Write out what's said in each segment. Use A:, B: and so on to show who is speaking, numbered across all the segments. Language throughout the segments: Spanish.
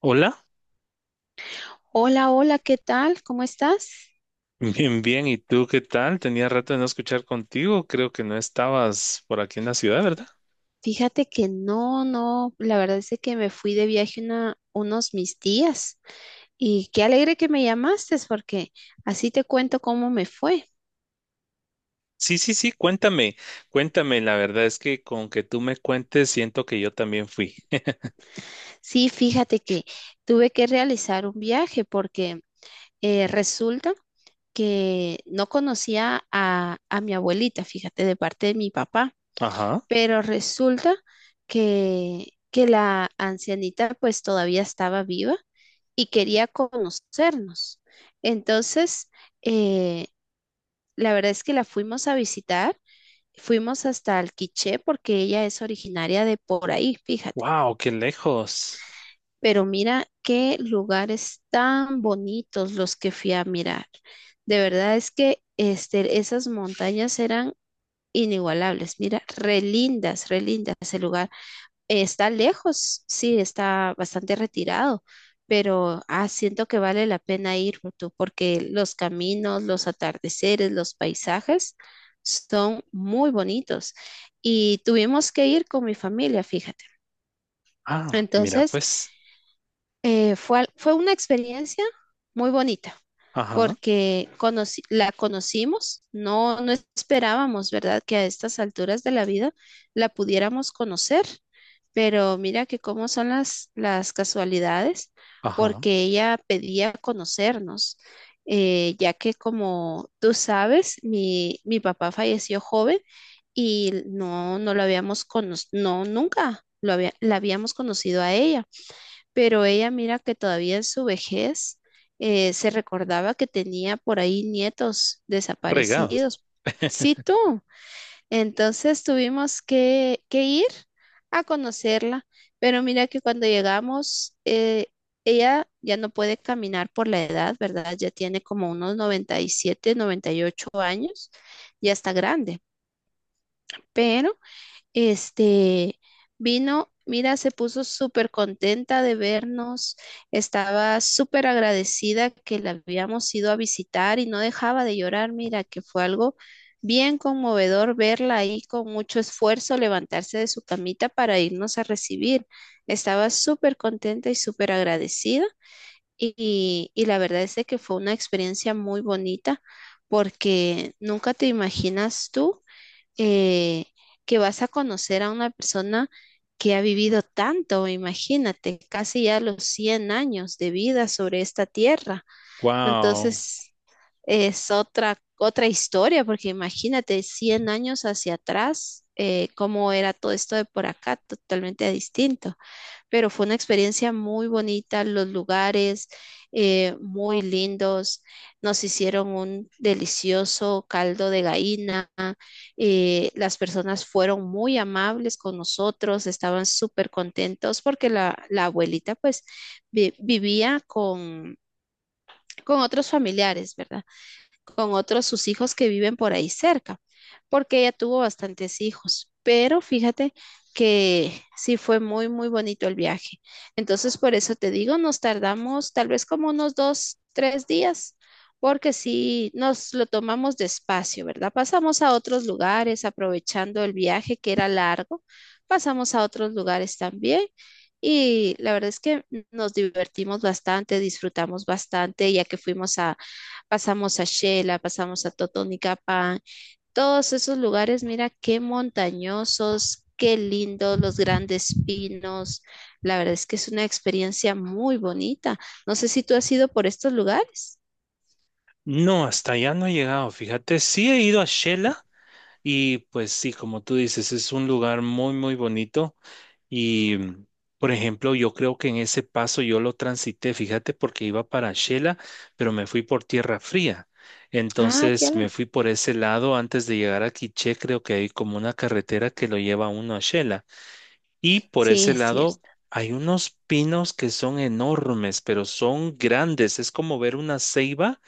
A: Hola,
B: Hola, hola, ¿qué tal? ¿Cómo estás?
A: bien, bien. ¿Y tú qué tal? Tenía rato de no escuchar contigo. Creo que no estabas por aquí en la ciudad, ¿verdad?
B: Fíjate que no, no, la verdad es de que me fui de viaje unos mis días y qué alegre que me llamaste porque así te cuento cómo me fue.
A: Sí, sí, sí. Cuéntame, cuéntame. La verdad es que con que tú me cuentes, siento que yo también fui.
B: Sí, fíjate que tuve que realizar un viaje porque resulta que no conocía a mi abuelita, fíjate, de parte de mi papá.
A: Ajá.
B: Pero resulta que la ancianita pues todavía estaba viva y quería conocernos. Entonces, eh, la verdad es que la fuimos a visitar, fuimos hasta Alquiché porque ella es originaria de por ahí, fíjate.
A: Wow, qué lejos.
B: Pero mira qué lugares tan bonitos los que fui a mirar. De verdad es que esas montañas eran inigualables. Mira, re lindas el lugar. Está lejos, sí, está bastante retirado, pero ah, siento que vale la pena ir tú, porque los caminos, los atardeceres, los paisajes son muy bonitos. Y tuvimos que ir con mi familia, fíjate.
A: Ah, mira,
B: Entonces,
A: pues.
B: fue una experiencia muy bonita
A: Ajá,
B: porque la conocimos, no, no esperábamos, ¿verdad?, que a estas alturas de la vida la pudiéramos conocer, pero mira que cómo son las casualidades,
A: ajá.
B: porque ella pedía conocernos, ya que como tú sabes, mi papá falleció joven y no, no lo habíamos conocido, no, nunca la habíamos conocido a ella pero ella mira que todavía en su vejez se recordaba que tenía por ahí nietos
A: Regados.
B: desaparecidos. Sí, tú. Entonces tuvimos que ir a conocerla, pero mira que cuando llegamos, ella ya no puede caminar por la edad, ¿verdad? Ya tiene como unos 90, 97, 98 años, ya está grande, pero este vino, mira, se puso súper contenta de vernos, estaba súper agradecida que la habíamos ido a visitar y no dejaba de llorar, mira, que fue algo bien conmovedor verla ahí con mucho esfuerzo levantarse de su camita para irnos a recibir. Estaba súper contenta y súper agradecida y la verdad es de que fue una experiencia muy bonita porque nunca te imaginas tú eh, que vas a conocer a una persona que ha vivido tanto, imagínate, casi ya los 100 años de vida sobre esta tierra.
A: Wow.
B: Entonces, es otra, otra historia, porque imagínate 100 años hacia atrás, cómo era todo esto de por acá, totalmente distinto pero fue una experiencia muy bonita, los lugares muy lindos, nos hicieron un delicioso caldo de gallina, las personas fueron muy amables con nosotros, estaban súper contentos porque la abuelita pues vivía con otros familiares, ¿verdad? Con otros sus hijos que viven por ahí cerca, porque ella tuvo bastantes hijos. Pero fíjate que sí fue muy, muy bonito el viaje. Entonces, por eso te digo, nos tardamos tal vez como unos 2, 3 días, porque sí nos lo tomamos despacio, ¿verdad? Pasamos a otros lugares, aprovechando el viaje que era largo, pasamos a otros lugares también. Y la verdad es que nos divertimos bastante, disfrutamos bastante, ya que fuimos a, pasamos a Xela, pasamos a Totonicapán, todos esos lugares, mira qué montañosos, qué lindos, los grandes pinos. La verdad es que es una experiencia muy bonita. No sé si tú has ido por estos lugares.
A: No, hasta allá no he llegado. Fíjate, sí he ido a Shela y pues sí, como tú dices, es un lugar muy, muy bonito. Y, por ejemplo, yo creo que en ese paso yo lo transité, fíjate, porque iba para Shela, pero me fui por tierra fría.
B: Ah, qué
A: Entonces me
B: alegre.
A: fui por ese lado antes de llegar a Quiché, creo que hay como una carretera que lo lleva uno a Shela. Y por
B: Sí,
A: ese
B: es cierto.
A: lado hay unos pinos que son enormes, pero son grandes. Es como ver una ceiba,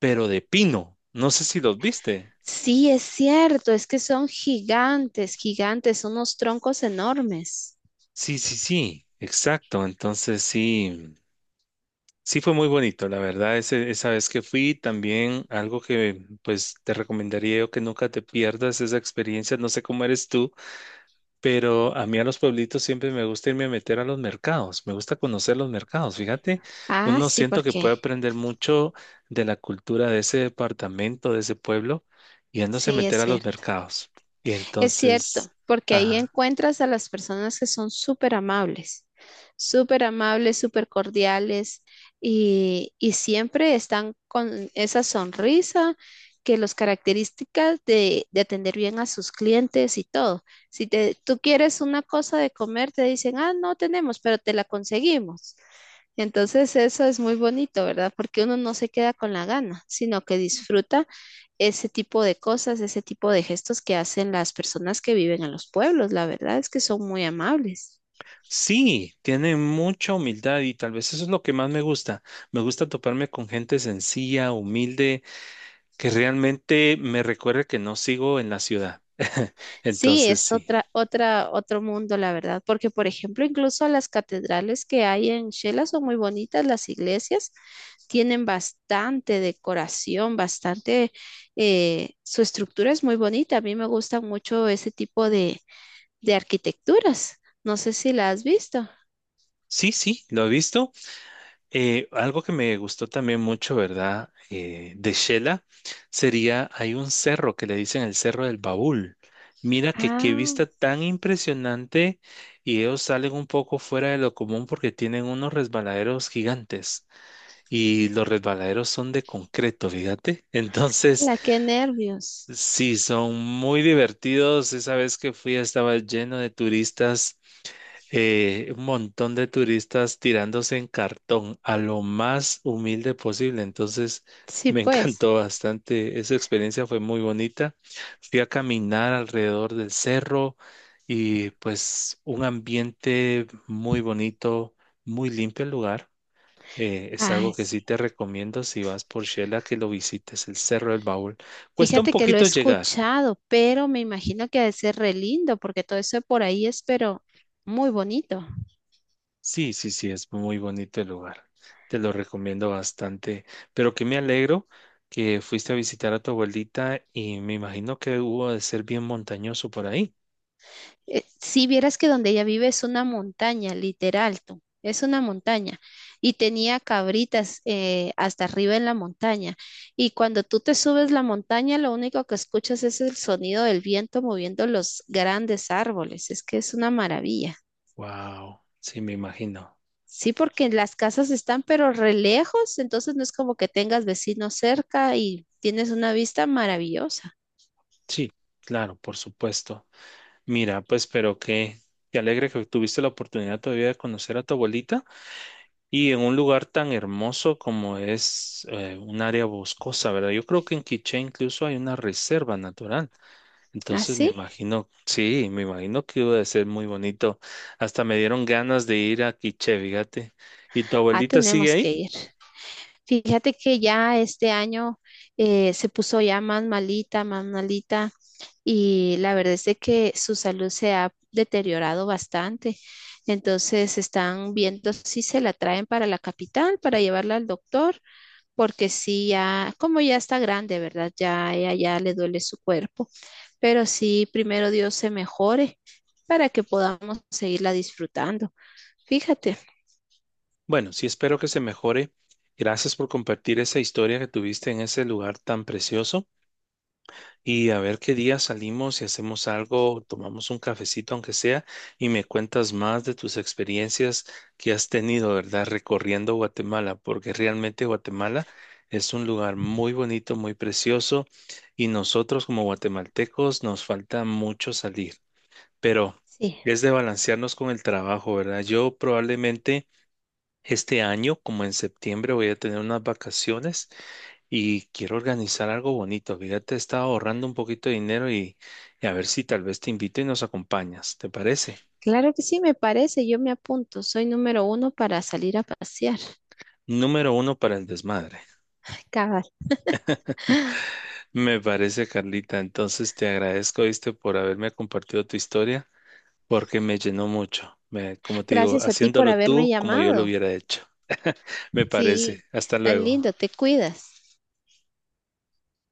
A: pero de pino. No sé si los viste.
B: Sí, es cierto, es que son gigantes, gigantes, son unos troncos enormes.
A: Sí, sí, sí, exacto. Entonces sí. Sí, fue muy bonito, la verdad, esa vez que fui, también algo que pues te recomendaría yo que nunca te pierdas esa experiencia, no sé cómo eres tú, pero a mí a los pueblitos siempre me gusta irme a meter a los mercados, me gusta conocer los mercados, fíjate,
B: Ah,
A: uno
B: sí,
A: siento
B: ¿por
A: que puede
B: qué?
A: aprender mucho de la cultura de ese departamento, de ese pueblo, yéndose a
B: Sí, es
A: meter a los
B: cierto.
A: mercados. Y
B: Es cierto,
A: entonces,
B: porque ahí
A: ajá.
B: encuentras a las personas que son súper amables, súper amables, súper cordiales y siempre están con esa sonrisa que los características de atender bien a sus clientes y todo. Si tú quieres una cosa de comer, te dicen, ah, no tenemos, pero te la conseguimos. Entonces eso es muy bonito, ¿verdad? Porque uno no se queda con la gana, sino que disfruta ese tipo de cosas, ese tipo de gestos que hacen las personas que viven en los pueblos. La verdad es que son muy amables.
A: Sí, tiene mucha humildad y tal vez eso es lo que más me gusta. Me gusta toparme con gente sencilla, humilde, que realmente me recuerde que no sigo en la ciudad.
B: Sí,
A: Entonces,
B: es
A: sí.
B: otra, otra, otro mundo, la verdad, porque por ejemplo, incluso las catedrales que hay en Shela son muy bonitas, las iglesias tienen bastante decoración, bastante, su estructura es muy bonita. A mí me gusta mucho ese tipo de arquitecturas. No sé si la has visto.
A: Sí, sí, lo he visto. Algo que me gustó también mucho, ¿verdad? De Shela sería, hay un cerro que le dicen el Cerro del Baúl. Mira que qué
B: Ah,
A: vista tan impresionante y ellos salen un poco fuera de lo común porque tienen unos resbaladeros gigantes. Y los resbaladeros son de concreto, fíjate. Entonces,
B: ala, qué nervios.
A: sí, son muy divertidos. Esa vez que fui estaba lleno de turistas, un montón de turistas tirándose en cartón a lo más humilde posible. Entonces,
B: Sí,
A: me
B: pues.
A: encantó bastante. Esa experiencia fue muy bonita. Fui a caminar alrededor del cerro y pues un ambiente muy bonito, muy limpio el lugar. Es algo
B: Ay,
A: que
B: sí.
A: sí te recomiendo si vas por Shela que lo visites, el Cerro del Baúl. Cuesta un
B: Fíjate que lo he
A: poquito llegar.
B: escuchado, pero me imagino que ha de ser re lindo porque todo eso por ahí es, pero muy bonito.
A: Sí, sí, sí, es muy bonito el lugar. Te lo recomiendo bastante. Pero que me alegro que fuiste a visitar a tu abuelita y me imagino que hubo de ser bien montañoso por ahí.
B: Si vieras que donde ella vive es una montaña, literal, tú, es una montaña. Y tenía cabritas hasta arriba en la montaña. Y cuando tú te subes la montaña, lo único que escuchas es el sonido del viento moviendo los grandes árboles. Es que es una maravilla.
A: Wow, sí, me imagino.
B: Sí, porque las casas están pero re lejos, entonces no es como que tengas vecinos cerca y tienes una vista maravillosa.
A: Sí, claro, por supuesto. Mira, pues, pero que, qué alegre que tuviste la oportunidad todavía de conocer a tu abuelita. Y en un lugar tan hermoso como es un área boscosa, ¿verdad? Yo creo que en Quiché incluso hay una reserva natural.
B: Ah,
A: Entonces me
B: sí,
A: imagino, sí, me imagino que iba a ser muy bonito. Hasta me dieron ganas de ir a Quiché, fíjate. ¿Y tu
B: ah,
A: abuelita sigue
B: tenemos que
A: ahí?
B: ir. Fíjate que ya este año se puso ya más malita, y la verdad es de que su salud se ha deteriorado bastante. Entonces están viendo si se la traen para la capital, para llevarla al doctor, porque sí, ya, como ya está grande, ¿verdad? Ya, ya, ya le duele su cuerpo. Pero sí, primero Dios se mejore para que podamos seguirla disfrutando. Fíjate.
A: Bueno, sí, espero que se mejore. Gracias por compartir esa historia que tuviste en ese lugar tan precioso. Y a ver qué día salimos y hacemos algo, tomamos un cafecito aunque sea, y me cuentas más de tus experiencias que has tenido, ¿verdad? Recorriendo Guatemala, porque realmente Guatemala es un lugar muy bonito, muy precioso, y nosotros como guatemaltecos nos falta mucho salir, pero
B: Sí.
A: es de balancearnos con el trabajo, ¿verdad? Yo probablemente... Este año, como en septiembre, voy a tener unas vacaciones y quiero organizar algo bonito. Fíjate, estaba ahorrando un poquito de dinero y a ver si tal vez te invito y nos acompañas. ¿Te parece?
B: Claro que sí, me parece, yo me apunto. Soy número 1 para salir a pasear.
A: Número uno para el desmadre.
B: Cabal.
A: Me parece, Carlita. Entonces te agradezco, viste, por haberme compartido tu historia porque me llenó mucho. Me- como te digo,
B: Gracias a ti por
A: haciéndolo
B: haberme
A: tú como yo lo
B: llamado.
A: hubiera hecho. Me parece.
B: Sí,
A: Hasta
B: tan
A: luego.
B: lindo, te cuidas.